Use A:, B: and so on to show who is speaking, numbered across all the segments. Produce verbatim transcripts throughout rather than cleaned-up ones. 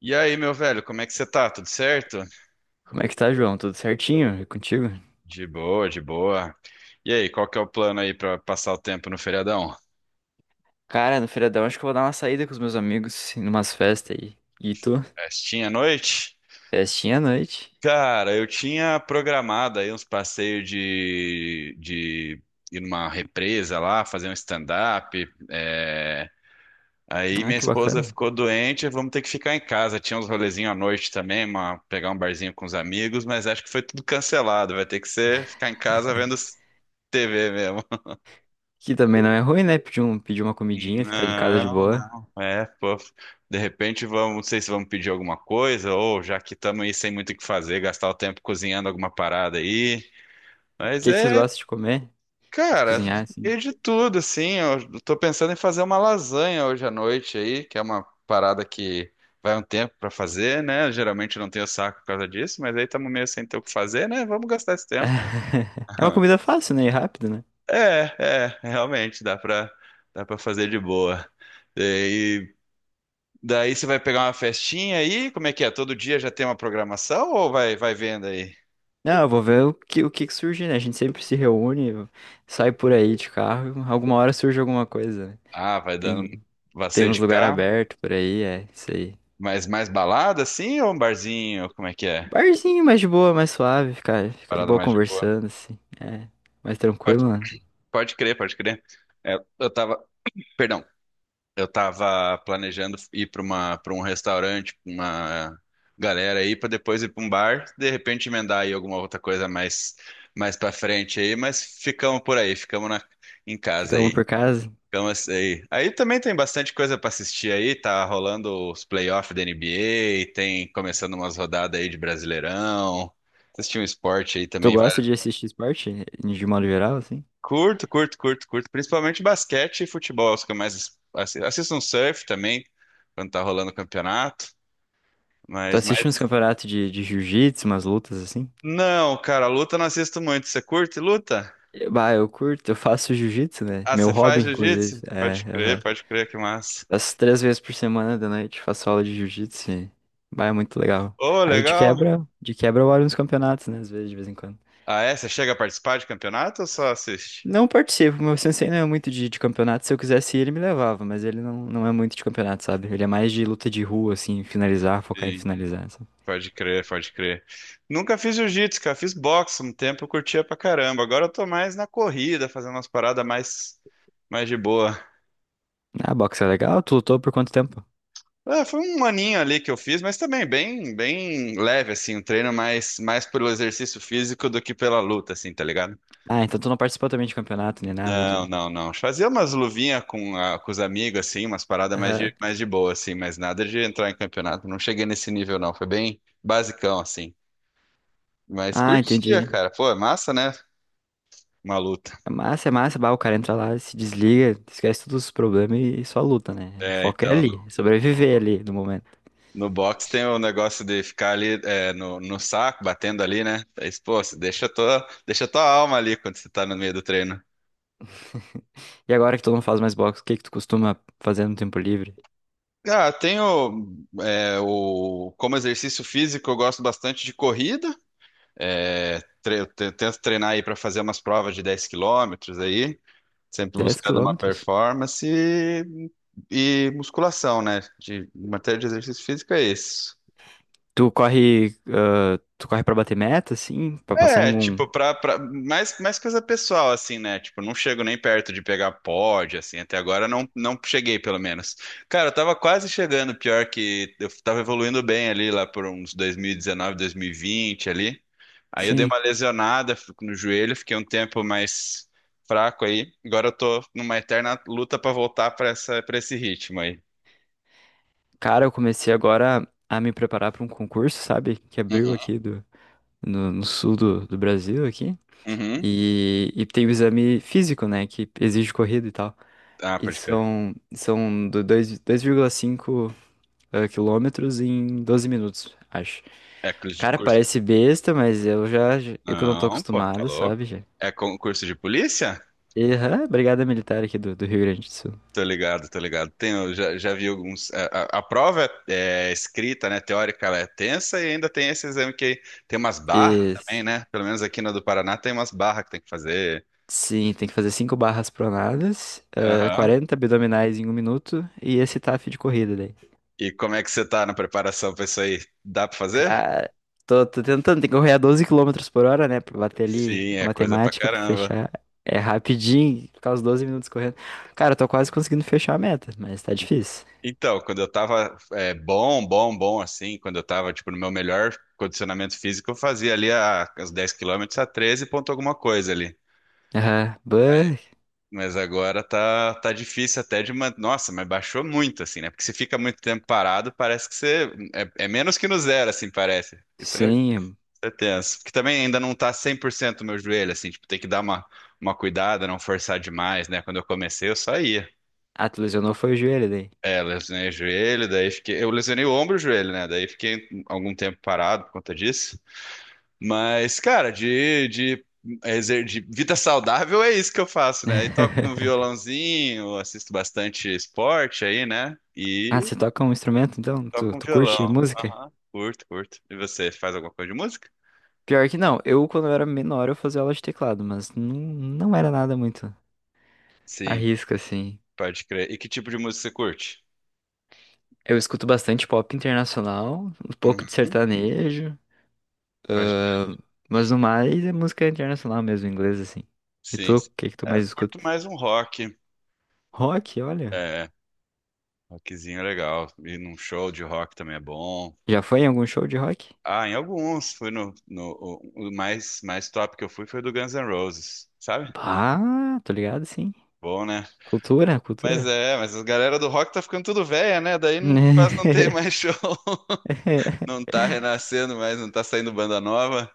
A: E aí, meu velho, como é que você tá? Tudo certo?
B: Como é que tá, João? Tudo certinho? É contigo?
A: De boa, de boa. E aí, qual que é o plano aí pra passar o tempo no feriadão?
B: Cara, no feriadão acho que eu vou dar uma saída com os meus amigos, em umas festas aí. E tu?
A: Festinha à noite?
B: Festinha à noite?
A: Cara, eu tinha programado aí uns passeios de, de ir numa represa lá, fazer um stand-up. É. Aí
B: Ah,
A: minha
B: que
A: esposa
B: bacana.
A: ficou doente, vamos ter que ficar em casa. Tinha uns rolezinhos à noite também, uma- pegar um barzinho com os amigos, mas acho que foi tudo cancelado. Vai ter que ser ficar em casa vendo T V mesmo.
B: Que também não é ruim, né? Pedir, um, pedir uma comidinha, ficar em casa de
A: Não,
B: boa.
A: não. É, pô. De repente vamos, não sei se vamos pedir alguma coisa, ou já que estamos aí sem muito o que fazer, gastar o tempo cozinhando alguma parada aí.
B: O
A: Mas
B: que que vocês
A: é,
B: gostam de comer? De
A: cara,
B: cozinhar, assim?
A: é de tudo, assim. Eu tô pensando em fazer uma lasanha hoje à noite aí, que é uma parada que vai um tempo pra fazer, né? Geralmente eu não tenho saco por causa disso, mas aí estamos meio sem ter o que fazer, né? Vamos gastar esse tempo.
B: É uma comida fácil, né? E rápida, né?
A: É, é, realmente dá pra, dá pra fazer de boa. E Daí você vai pegar uma festinha aí, como é que é? Todo dia já tem uma programação ou vai vai vendo aí?
B: Não, eu vou ver o que, o que que surge, né? A gente sempre se reúne, sai por aí de carro, alguma hora surge alguma coisa, né?
A: Ah, vai dando
B: Tem,
A: vai
B: tem
A: ser
B: uns
A: de
B: lugares
A: cá,
B: abertos por aí, é isso aí.
A: mas mais balada assim ou um barzinho, como é que é?
B: Barzinho mais de boa, mais suave, ficar, ficar de
A: Parada
B: boa
A: mais de boa.
B: conversando, assim. É, mais
A: Pode,
B: tranquilo, né?
A: pode crer, pode crer. É, eu tava, perdão, eu tava planejando ir para uma para um restaurante, pra uma galera aí para depois ir para um bar, de repente emendar aí alguma outra coisa mais mais para frente aí, mas ficamos por aí, ficamos na, em casa
B: Fica um
A: aí.
B: por casa.
A: Gama aí. Aí também tem bastante coisa para assistir aí, tá rolando os playoffs da N B A, tem começando umas rodadas aí de Brasileirão. Assistir um esporte aí
B: Tu
A: também vai.
B: gosta de assistir esporte, de modo geral, assim?
A: Curto, curto, curto, curto, principalmente basquete e futebol, os que eu mais assi- assisto um surf também quando tá rolando o campeonato,
B: Tu
A: mas
B: assiste uns
A: mas
B: campeonatos de, de jiu-jitsu, umas lutas, assim?
A: não, cara, luta eu não assisto muito. Você curte luta?
B: Eh, Bah, eu curto, eu faço jiu-jitsu, né?
A: Ah,
B: Meu
A: você faz
B: hobby, inclusive.
A: jiu-jitsu?
B: É,
A: Pode
B: aham.
A: crer, pode crer que massa.
B: Faço três vezes por semana da noite, faço aula de jiu-jitsu. e, Bah, é muito legal.
A: Ô,
B: Aí de
A: legal.
B: quebra, de quebra eu olho uns campeonatos, né? Às vezes, de vez em quando.
A: Ah, é? Você chega a participar de campeonato ou só assiste?
B: Não participo, meu sensei não é muito de, de campeonato. Se eu quisesse ir, ele me levava, mas ele não, não é muito de campeonato, sabe? Ele é mais de luta de rua, assim, finalizar, focar em finalizar, sabe?
A: Pode crer, pode crer. Nunca fiz jiu-jitsu, cara. Fiz boxe um tempo, eu curtia pra caramba. Agora eu tô mais na corrida, fazendo umas paradas mais, mais de boa.
B: Ah, boxe é legal? Tu lutou por quanto tempo?
A: É, foi um aninho ali que eu fiz, mas também bem, bem leve, assim. Um treino mais, mais pelo exercício físico do que pela luta, assim, tá ligado?
B: Ah, então tu não participou também de campeonato, nem nada
A: Não,
B: de.
A: não, não. Fazia umas luvinhas com, a- com os amigos, assim, umas paradas mais
B: Aham.
A: de, mais de boa, assim, mas nada de entrar em campeonato. Não cheguei nesse nível, não. Foi bem basicão, assim. Mas
B: Ah,
A: curtia,
B: entendi.
A: cara. Pô, é massa, né? Uma luta.
B: É massa, é massa, bah, o cara entra lá, se desliga, esquece todos os problemas e só luta, né? O
A: É,
B: foco é
A: então,
B: ali,
A: no,
B: sobreviver ali no momento.
A: no box tem o negócio de ficar ali é, no, no saco, batendo ali, né? Aí, pô, você deixa tua, deixa tua alma ali quando você tá no meio do treino.
B: E agora que tu não faz mais boxe, o que que tu costuma fazer no tempo livre?
A: Ah, tenho é, o, como exercício físico, eu gosto bastante de corrida. É, tre- eu te- tento treinar aí para fazer umas provas de dez quilômetros aí, sempre
B: Dez
A: buscando uma
B: quilômetros?
A: performance e, e musculação, né? De matéria de exercício físico é isso.
B: Tu corre, ah, tu corre pra bater meta, sim, pra passar em
A: É,
B: algum.
A: tipo, pra, pra, mais, mais coisa pessoal, assim, né? Tipo, não chego nem perto de pegar pod, assim, até agora não, não cheguei, pelo menos. Cara, eu tava quase chegando, pior que eu tava evoluindo bem ali, lá por uns dois dois mil mil e dezenove, dois mil e vinte ali. Aí eu dei
B: Sim.
A: uma lesionada fico no joelho, fiquei um tempo mais fraco aí. Agora eu tô numa eterna luta pra voltar pra essa, pra esse ritmo aí.
B: Cara, eu comecei agora a me preparar pra um concurso, sabe? Que abriu
A: Uhum,
B: aqui do, no, no sul do, do Brasil aqui.
A: uhum.
B: E, e tem o exame físico, né? Que exige corrida e tal.
A: Ah,
B: E
A: pode crer.
B: são, são do dois- 2,5 ah, quilômetros em doze minutos, acho.
A: É curso de
B: Cara,
A: curso.
B: parece besta, mas eu já. já- Eu que não tô
A: Não, pô, tá
B: acostumado,
A: louco.
B: sabe? Já.
A: É concurso de polícia?
B: E, aham, brigada militar aqui do, do Rio Grande do
A: Tô ligado, tô ligado. Tem, eu já, já vi alguns. A, a- a prova é, é escrita, né? Teórica, ela é tensa e ainda tem esse exame que tem umas barras
B: Sul.
A: também, né? Pelo menos aqui na do Paraná tem umas barras que tem que fazer.
B: Sim, tem que fazer cinco barras pronadas, ah,
A: Aham.
B: quarenta abdominais em um minuto e esse TAF de corrida daí.
A: E como é que você tá na preparação pra isso aí? Dá pra fazer?
B: Cara, tô, tô tentando, tem que correr a doze quilômetros por hora, né? Pra bater ali
A: Sim,
B: a
A: é coisa pra
B: matemática, pra
A: caramba.
B: fechar. É rapidinho, ficar os doze minutos correndo. Cara, eu tô quase conseguindo fechar a meta, mas tá difícil.
A: Então, quando eu tava é, bom, bom, bom, assim, quando eu tava, tipo, no meu melhor condicionamento físico, eu fazia ali a, os dez quilômetros a treze ponto alguma coisa ali.
B: Aham, bah,
A: Mas agora tá, tá difícil até de manter. Nossa, mas baixou muito, assim, né? Porque se fica muito tempo parado, parece que você. É, é menos que no zero, assim, parece. Isso é, isso
B: sim.
A: é tenso. Porque também ainda não tá cem por cento o meu joelho, assim, tipo, tem que dar uma, uma cuidada, não forçar demais, né? Quando eu comecei, eu só ia.
B: Ah, tu lesionou foi o joelho daí.
A: É, lesionei o joelho, daí fiquei. Eu lesionei o ombro e o joelho, né? Daí fiquei algum tempo parado por conta disso. Mas, cara, de, de, exer- de vida saudável é isso que eu faço, né? Aí toco um violãozinho, assisto bastante esporte aí, né?
B: Ah,
A: E
B: você toca um instrumento então? Tu,
A: toco um
B: tu curte
A: violão.
B: música?
A: Aham. Curto, curto. E você faz alguma coisa de música?
B: Pior que não, eu quando eu era menor eu fazia aula de teclado, mas não, não era nada muito à
A: Sim,
B: risca, assim.
A: pode crer. E que tipo de música você curte?
B: Eu escuto bastante pop internacional, um pouco de
A: Uhum,
B: sertanejo,
A: pode.
B: ahn, mas no mais é música internacional mesmo, inglês, assim. E
A: Sim.
B: tu, o que que tu
A: É, eu
B: mais
A: curto
B: escuta?
A: mais um rock.
B: Rock, olha.
A: É, rockzinho é legal. E num show de rock também é bom.
B: Já foi em algum show de rock?
A: Ah, em alguns. Fui no, no o, o mais mais top que eu fui foi do Guns N' Roses, sabe?
B: Ah, tô ligado, sim.
A: Bom, né?
B: Cultura,
A: Mas
B: cultura.
A: é, mas a galera do rock tá ficando tudo velha, né? Daí não- quase não tem mais show. Não tá renascendo mais, não tá saindo banda nova.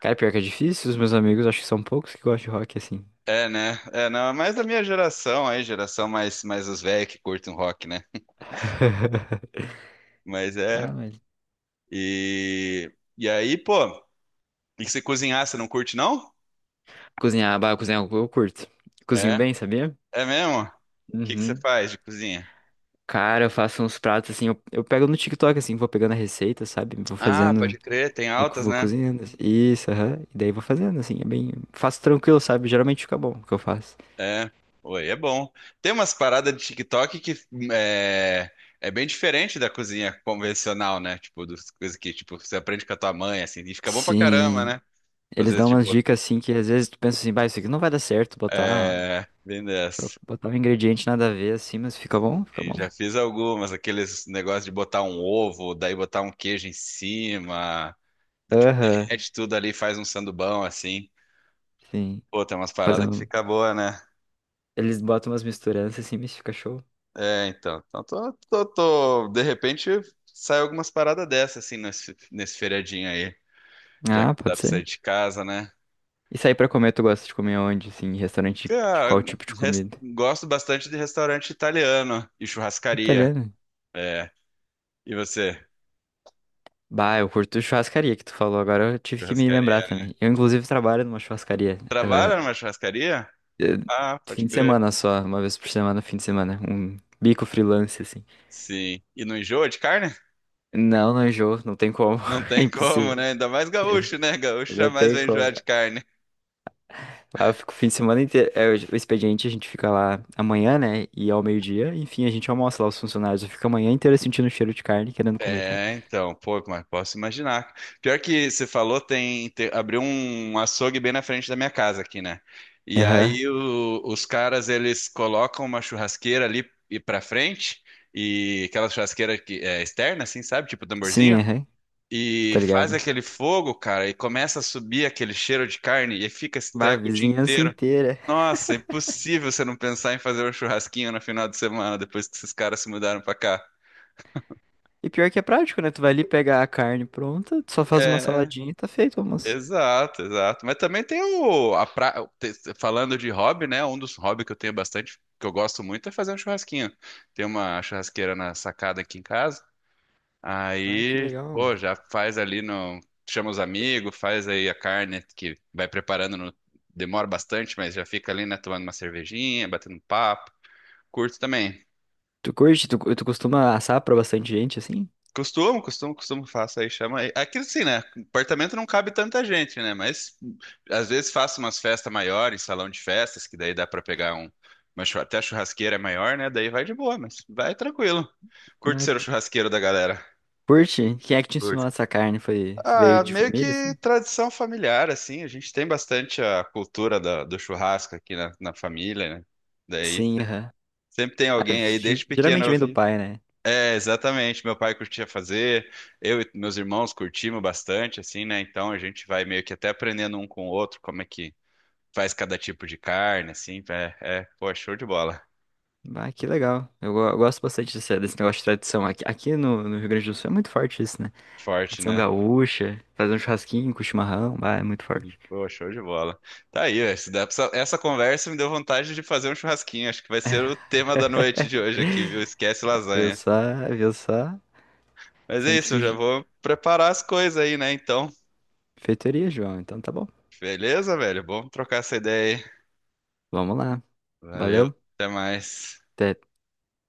B: Cara, pior que é difícil, os meus amigos acho que são poucos que gostam de rock, assim.
A: É, né? É, não, é mais da minha geração aí, geração mais, mais os velhos que curtem rock, né? Mas é.
B: Ah, mas
A: E, e aí, pô, e que você cozinhar, você não curte, não?
B: cozinhar, bah, cozinhar eu eu curto. Cozinho
A: É?
B: bem, sabia?
A: É mesmo? O que que você
B: Uhum.
A: faz de cozinha?
B: Cara, eu faço uns pratos assim, eu, eu pego no TikTok assim, vou pegando a receita, sabe? Vou
A: Ah,
B: fazendo,
A: pode crer, tem
B: vou, co-
A: altas,
B: vou
A: né.
B: cozinhando, assim. Isso, aham. E daí vou fazendo assim, é bem, faço tranquilo, sabe? Geralmente fica bom o que eu faço.
A: É, oi, é bom. Tem umas paradas de TikTok que é, é bem diferente da cozinha convencional, né? Tipo, das coisas que tipo, você aprende com a tua mãe, assim, e fica bom pra caramba,
B: Sim.
A: né? Às
B: Eles
A: vezes,
B: dão umas
A: tipo,
B: dicas assim que às vezes tu pensa assim, bah, isso aqui não vai dar certo botar,
A: é, bem
B: tro-
A: dessa.
B: botar um ingrediente nada a ver assim, mas fica bom, fica
A: E
B: bom.
A: já fiz algumas, aqueles negócios de botar um ovo, daí botar um queijo em cima, tipo,
B: Aham.
A: derrete tudo ali, faz um sandubão, assim.
B: Sim.
A: Pô, tem umas
B: Fazer
A: paradas que
B: um...
A: fica boa, né?
B: Eles botam umas misturanças assim, mas fica show.
A: É, então. Então, tô, tô, tô- de repente sai algumas paradas dessas, assim, nesse, nesse feriadinho aí, já que
B: Ah,
A: não dá
B: pode
A: pra sair
B: ser.
A: de casa, né?
B: E sair pra comer, tu gosta de comer onde, assim, em restaurante de
A: Ah,
B: qual tipo de
A: res-
B: comida?
A: gosto bastante de restaurante italiano e churrascaria.
B: Italiano.
A: É. E você?
B: Bah, eu curto churrascaria que tu falou, agora eu tive que me lembrar
A: Churrascaria.
B: também. Eu, inclusive, trabalho numa churrascaria. ah,
A: Trabalha numa churrascaria?
B: eh,
A: Ah, pode
B: fim de
A: crer.
B: semana só, uma vez por semana, fim de semana. Um bico freelance, assim.
A: Sim. E não enjoa de carne?
B: Não, não enjoo, não tem como.
A: Não
B: É
A: tem como,
B: impossível.
A: né? Ainda mais gaúcho, né? Gaúcho
B: Não
A: jamais
B: tem
A: vai enjoar
B: como.
A: de carne.
B: Ah, eu fico o fim de semana inteiro. É, o o expediente a gente fica lá amanhã, né? E ao meio-dia, enfim, a gente almoça lá os funcionários. Eu fico a manhã inteira sentindo o cheiro de carne, querendo comer carne.
A: É, então, pô, mas posso imaginar. Pior que você falou, tem, te- abriu um açougue bem na frente da minha casa aqui, né? E Uhum.
B: Aham.
A: Aí o- os caras, eles colocam uma churrasqueira ali e pra frente, e aquela churrasqueira que é externa, assim, sabe? Tipo
B: Sim,
A: tamborzinho.
B: aham.
A: E
B: Tá
A: faz
B: ligado?
A: aquele fogo, cara, e começa a subir aquele cheiro de carne, e fica esse
B: Bah, a
A: treco o dia
B: vizinhança
A: inteiro.
B: inteira.
A: Nossa, impossível você não pensar em fazer um churrasquinho no final de semana, depois que esses caras se mudaram pra cá.
B: E pior que é prático, né? Tu vai ali pegar a carne pronta, tu só faz uma
A: É,
B: saladinha e tá feito, o almoço.
A: exato, exato. Mas também tem o a pra... te- falando de hobby, né? Um dos hobbies que eu tenho bastante, que eu gosto muito, é fazer um churrasquinho. Tem uma churrasqueira na sacada aqui em casa.
B: Ah, que
A: Aí,
B: legal.
A: pô, já faz ali no chama os amigos, faz aí a carne que vai preparando no... demora bastante, mas já fica ali, né, tomando uma cervejinha, batendo um papo. Curto também.
B: Tu curte? Tu, tu costuma assar pra bastante gente, assim?
A: Costumo, costumo, costumo, faço aí, chama aí. Aqui assim, né? Apartamento não cabe tanta gente, né? Mas às vezes faço umas festas maiores, salão de festas, que daí dá pra pegar um, uma chu- até a churrasqueira é maior, né? Daí vai de boa, mas vai tranquilo. Curto
B: Ah,
A: ser o
B: que-
A: churrasqueiro da galera.
B: Curte? Quem é que te ensinou
A: Curto.
B: a assar carne? Foi, veio
A: Ah,
B: de
A: meio
B: família,
A: que
B: assim?
A: tradição familiar, assim. A gente tem bastante a cultura da- do churrasco aqui na, na família, né? Daí
B: Sim,
A: se-
B: aham.
A: sempre tem
B: Ah,
A: alguém aí, desde
B: ge-
A: pequeno
B: geralmente
A: eu
B: vem do
A: vi.
B: pai, né?
A: É, exatamente. Meu pai curtia fazer, eu e meus irmãos curtimos bastante, assim, né? Então a gente vai meio que até aprendendo um com o outro como é que faz cada tipo de carne, assim. É, é, pô, show de bola.
B: Ah, que legal. Eu, go- eu gosto bastante desse, desse negócio de tradição. Aqui, aqui no, no Rio Grande do Sul é muito forte isso, né?
A: Forte,
B: Tradição
A: né?
B: gaúcha, fazer um churrasquinho com chimarrão, bah, é muito
A: Sim.
B: forte.
A: Pô, show de bola. Tá aí, ó, isso dá pra- essa conversa me deu vontade de fazer um churrasquinho. Acho que vai ser o tema da noite de hoje aqui, viu? Esquece
B: Viu
A: lasanha.
B: só? Viu só?
A: Mas é isso,
B: Sempre
A: eu já vou preparar as coisas aí, né? Então,
B: sujeitoria, João. Então tá bom.
A: beleza, velho? Bom trocar essa ideia aí.
B: Vamos lá.
A: Valeu,
B: Valeu.
A: até mais.
B: Até